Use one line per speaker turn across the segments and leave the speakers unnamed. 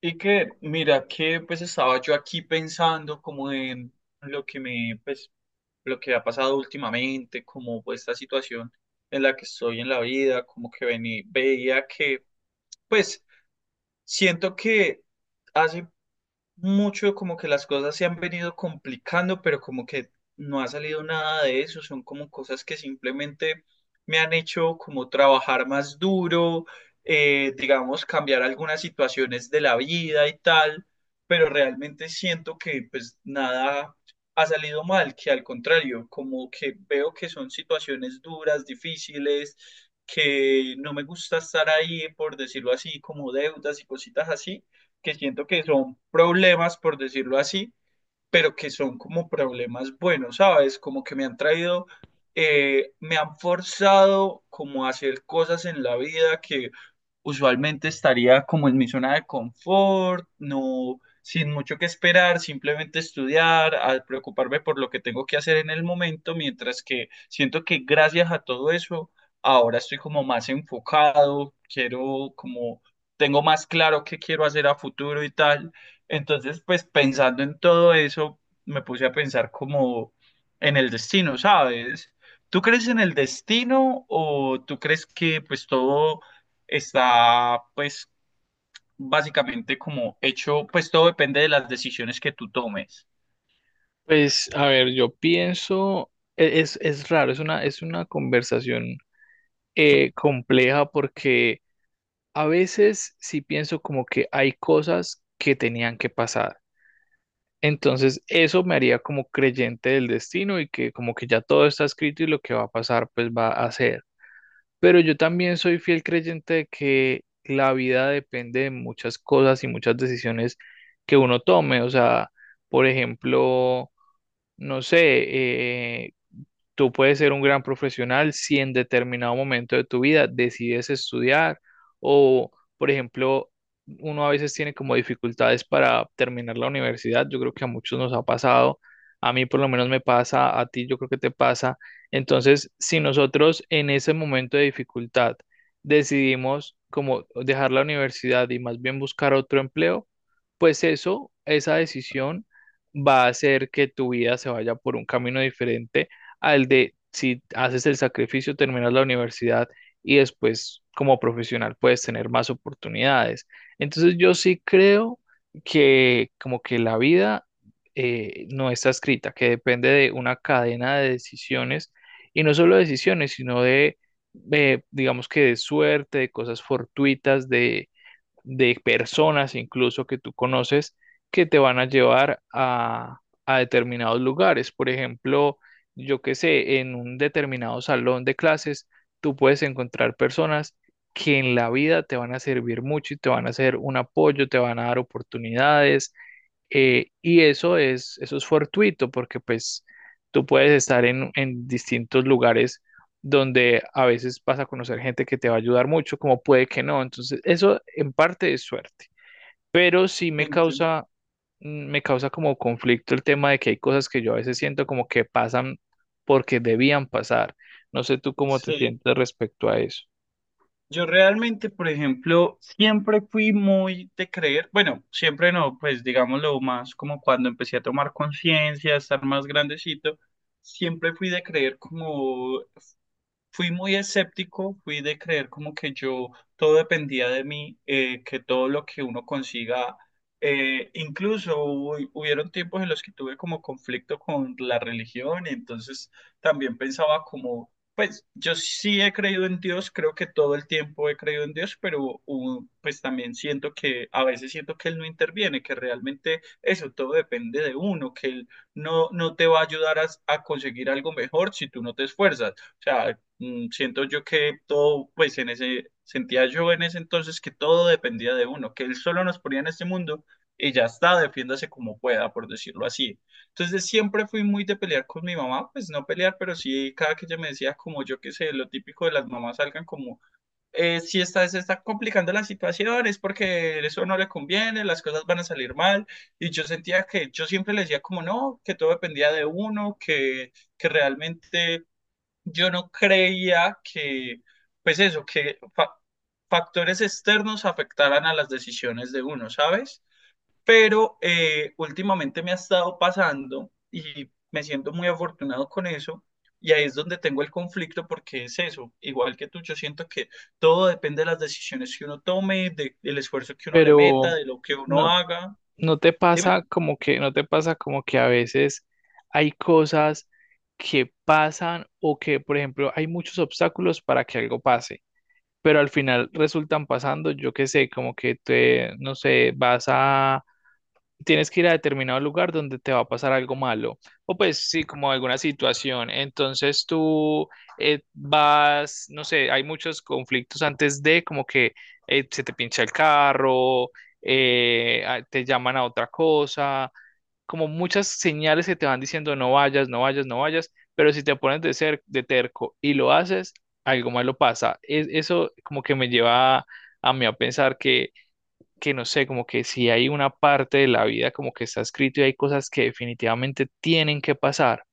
Y que, mira, que pues estaba yo aquí pensando como en lo que me, pues, lo que ha pasado últimamente, como pues, esta situación en la que estoy en la vida, como que veía que, pues, siento que hace mucho como que las cosas se han venido complicando, pero como que no ha salido nada de eso, son como cosas que simplemente me han hecho como trabajar más duro, digamos, cambiar algunas situaciones de la vida y tal, pero realmente siento que pues nada ha salido mal, que al contrario, como que veo que son situaciones duras, difíciles, que no me gusta estar ahí, por decirlo así, como deudas y cositas así que siento que son problemas, por decirlo así, pero que son como problemas buenos, ¿sabes? Como que me han traído, me han forzado como a hacer cosas en la vida que usualmente estaría como en mi zona de confort, no, sin mucho que esperar, simplemente estudiar, a preocuparme por lo que tengo que hacer en el momento, mientras que siento que gracias a todo eso, ahora estoy como más enfocado, quiero como, tengo más claro qué quiero hacer a futuro y tal. Entonces, pues pensando en todo eso, me puse a pensar como en el destino, ¿sabes? ¿Tú crees en el destino o tú crees que pues todo está pues básicamente como hecho, pues todo depende de las decisiones que tú tomes.
Pues, a ver, yo pienso, es raro, es una conversación compleja porque a veces sí pienso como que hay cosas que tenían que pasar. Entonces, eso me haría como creyente del destino y que como que ya todo está escrito y lo que va a pasar, pues va a ser. Pero yo también soy fiel creyente de que la vida depende de muchas cosas y muchas decisiones que uno tome. O sea, por ejemplo, no sé, tú puedes ser un gran profesional si en determinado momento de tu vida decides estudiar o, por ejemplo, uno a veces tiene como dificultades para terminar la universidad. Yo creo que a muchos nos ha pasado. A mí por lo menos me pasa, a ti yo creo que te pasa. Entonces, si nosotros en ese momento de dificultad decidimos como dejar la universidad y más bien buscar otro empleo, pues eso, esa decisión va a hacer que tu vida se vaya por un camino diferente al de si haces el sacrificio, terminas la universidad y después como profesional puedes tener más oportunidades. Entonces yo sí creo que como que la vida no está escrita, que depende de una cadena de decisiones y no solo decisiones, sino de, digamos que de suerte, de cosas fortuitas, de personas incluso que tú conoces que te van a llevar a determinados lugares. Por ejemplo, yo qué sé, en un determinado salón de clases, tú puedes encontrar personas que en la vida te van a servir mucho y te van a hacer un apoyo, te van a dar oportunidades, y eso es fortuito porque pues tú puedes estar en distintos lugares donde a veces vas a conocer gente que te va a ayudar mucho, como puede que no. Entonces, eso en parte es suerte, pero sí me
Ente-
causa, me causa como conflicto el tema de que hay cosas que yo a veces siento como que pasan porque debían pasar. No sé tú cómo te
Sí.
sientes respecto a eso,
Yo realmente, por ejemplo, siempre fui muy de creer, bueno, siempre no, pues digámoslo más como cuando empecé a tomar conciencia, a estar más grandecito, siempre fui de creer como Fui muy escéptico, fui de creer como que yo todo dependía de mí, que todo lo que uno consiga, incluso hubieron tiempos en los que tuve como conflicto con la religión y entonces también pensaba como, pues yo sí he creído en Dios, creo que todo el tiempo he creído en Dios, pero pues también siento que a veces siento que Él no interviene, que realmente eso todo depende de uno, que Él no te va a ayudar a conseguir algo mejor si tú no te esfuerzas. O sea, mm, siento yo que todo, pues en ese, sentía yo en ese entonces que todo dependía de uno, que él solo nos ponía en este mundo y ya está, defiéndase como pueda, por decirlo así. Entonces siempre fui muy de pelear con mi mamá, pues no pelear, pero sí cada que ella me decía como yo qué sé, lo típico de las mamás salgan como, si está, se está complicando la situación, es porque eso no le conviene, las cosas van a salir mal, y yo sentía que yo siempre le decía como no, que todo dependía de uno, que realmente yo no creía que, pues eso, que factores externos afectaran a las decisiones de uno, ¿sabes? Pero últimamente me ha estado pasando y me siento muy afortunado con eso. Y ahí es donde tengo el conflicto porque es eso, igual que tú, yo siento que todo depende de las decisiones que uno tome, del esfuerzo que uno le
pero
meta, de lo que uno
no,
haga.
no te
Dime.
pasa como que, no te pasa como que a veces hay cosas que pasan o que, por ejemplo, hay muchos obstáculos para que algo pase, pero al final resultan pasando, yo qué sé, como que te, no sé, vas a tienes que ir a determinado lugar donde te va a pasar algo malo, o pues sí, como alguna situación. Entonces tú vas, no sé, hay muchos conflictos antes de como que se te pincha el carro, te llaman a otra cosa, como muchas señales que te van diciendo no vayas, no vayas, no vayas, pero si te pones de ser de terco y lo haces, algo malo pasa. Es, eso como que me lleva a mí a pensar que no sé, como que si hay una parte de la vida como que está escrito y hay cosas que definitivamente tienen que pasar.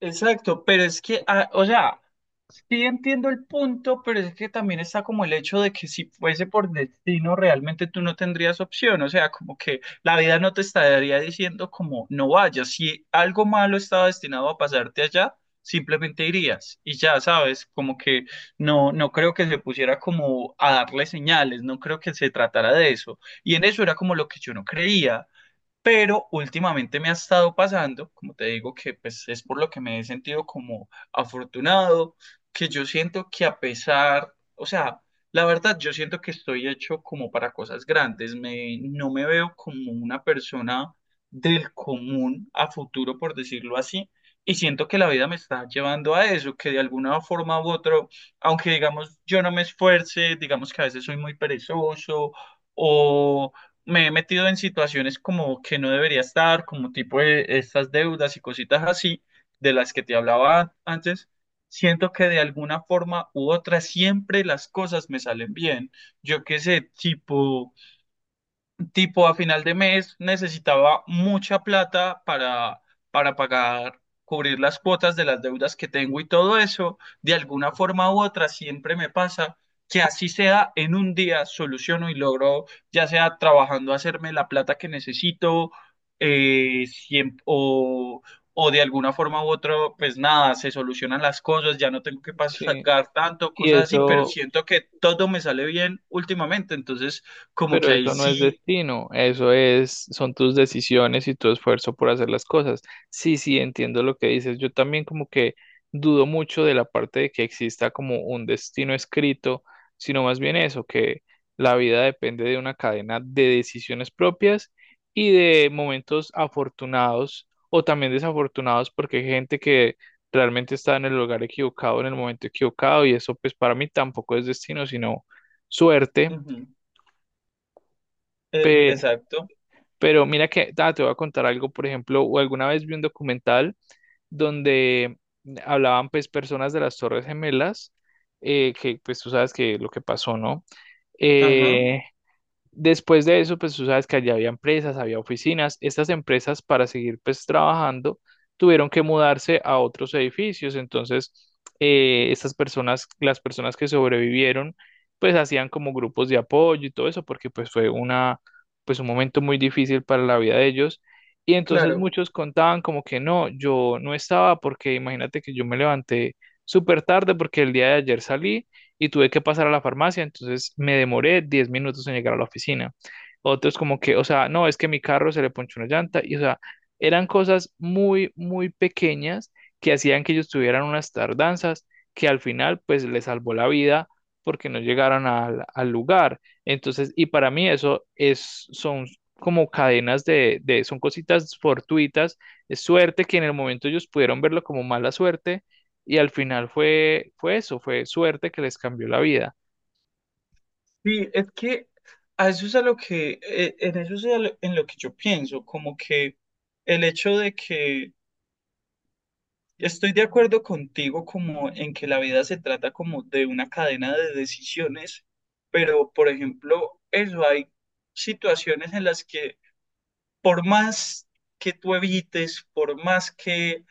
Exacto, pero es que, ah, o sea, sí entiendo el punto, pero es que también está como el hecho de que si fuese por destino, realmente tú no tendrías opción, o sea, como que la vida no te estaría diciendo como no vayas, si algo malo estaba destinado a pasarte allá, simplemente irías y ya sabes, como que no creo que se pusiera como a darle señales, no creo que se tratara de eso, y en eso era como lo que yo no creía pero últimamente me ha estado pasando, como te digo, que pues es por lo que me he sentido como afortunado, que yo siento que a pesar, o sea, la verdad, yo siento que estoy hecho como para cosas grandes, me, no me veo como una persona del común a futuro, por decirlo así, y siento que la vida me está llevando a eso, que de alguna forma u otra, aunque digamos yo no me esfuerce, digamos que a veces soy muy perezoso o me he metido en situaciones como que no debería estar, como tipo estas deudas y cositas así de las que te hablaba antes, siento que de alguna forma u otra siempre las cosas me salen bien. Yo qué sé, tipo, tipo a final de mes necesitaba mucha plata para pagar, cubrir las cuotas de las deudas que tengo y todo eso, de alguna forma u otra siempre me pasa que así sea en un día soluciono y logro, ya sea trabajando, hacerme la plata que necesito, o, o de alguna forma u otra, pues nada, se solucionan las cosas, ya no tengo que
Sí,
pagar tanto,
y
cosas así, pero
eso.
siento que todo me sale bien últimamente, entonces como que
Pero
ahí
eso no es
sí
destino, eso es, son tus decisiones y tu esfuerzo por hacer las cosas. Sí, sí, entiendo lo que dices. Yo también como que dudo mucho de la parte de que exista como un destino escrito, sino más bien eso, que la vida depende de una cadena de decisiones propias y de momentos afortunados o también desafortunados, porque hay gente que realmente está en el lugar equivocado, en el momento equivocado, y eso pues para mí tampoco es destino, sino suerte.
ujú,
pe-
exacto.
pero mira que, ah, te voy a contar algo. Por ejemplo, o alguna vez vi un documental donde hablaban pues personas de las Torres Gemelas, que pues tú sabes que lo que pasó, ¿no?
Ajá,
Eh, Después de eso, pues tú sabes que allá había empresas, había oficinas. Estas empresas para seguir pues trabajando tuvieron que mudarse a otros edificios. Entonces, estas personas, las personas que sobrevivieron, pues hacían como grupos de apoyo y todo eso, porque pues fue una, pues un momento muy difícil para la vida de ellos. Y entonces
claro.
muchos contaban como que no, yo no estaba porque imagínate que yo me levanté súper tarde porque el día de ayer salí y tuve que pasar a la farmacia, entonces me demoré 10 minutos en llegar a la oficina. Otros como que, o sea, no, es que mi carro se le ponchó una llanta y, o sea, eran cosas muy, muy pequeñas que hacían que ellos tuvieran unas tardanzas que al final pues les salvó la vida porque no llegaron al, al lugar. Entonces, y para mí eso es, son como cadenas de, son cositas fortuitas, es suerte que en el momento ellos pudieron verlo como mala suerte, y al final fue, fue eso, fue suerte que les cambió la vida.
Sí, es que a eso es a lo que, en eso es a en lo que yo pienso, como que el hecho de que estoy de acuerdo contigo como en que la vida se trata como de una cadena de decisiones, pero por ejemplo, eso hay situaciones en las que por más que tú evites, por más que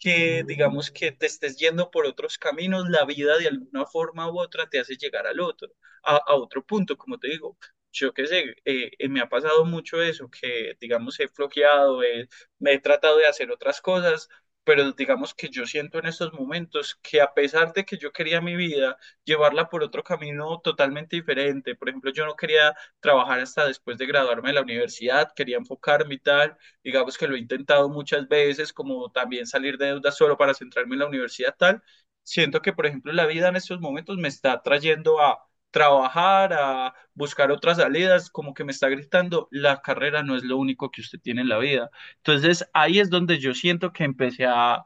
digamos que te estés yendo por otros caminos, la vida de alguna forma u otra te hace llegar al otro, a otro punto, como te digo. Yo qué sé, me ha pasado mucho eso, que digamos he flojeado, me he tratado de hacer otras cosas, pero digamos que yo siento en estos momentos que a pesar de que yo quería mi vida, llevarla por otro camino totalmente diferente. Por ejemplo, yo no quería trabajar hasta después de graduarme de la universidad, quería enfocarme y tal, digamos que lo he intentado muchas veces, como también salir de deudas solo para centrarme en la universidad tal, siento que, por ejemplo, la vida en estos momentos me está trayendo a trabajar, a buscar otras salidas, como que me está gritando, la carrera no es lo único que usted tiene en la vida. Entonces ahí es donde yo siento que empecé a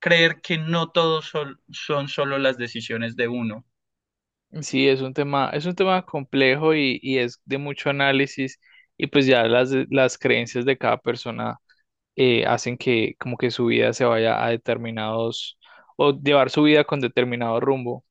creer que no todos son, son solo las decisiones de uno
Sí, es un tema complejo y es de mucho análisis y pues ya las creencias de cada persona hacen que como que su vida se vaya a determinados o llevar su vida con determinado rumbo.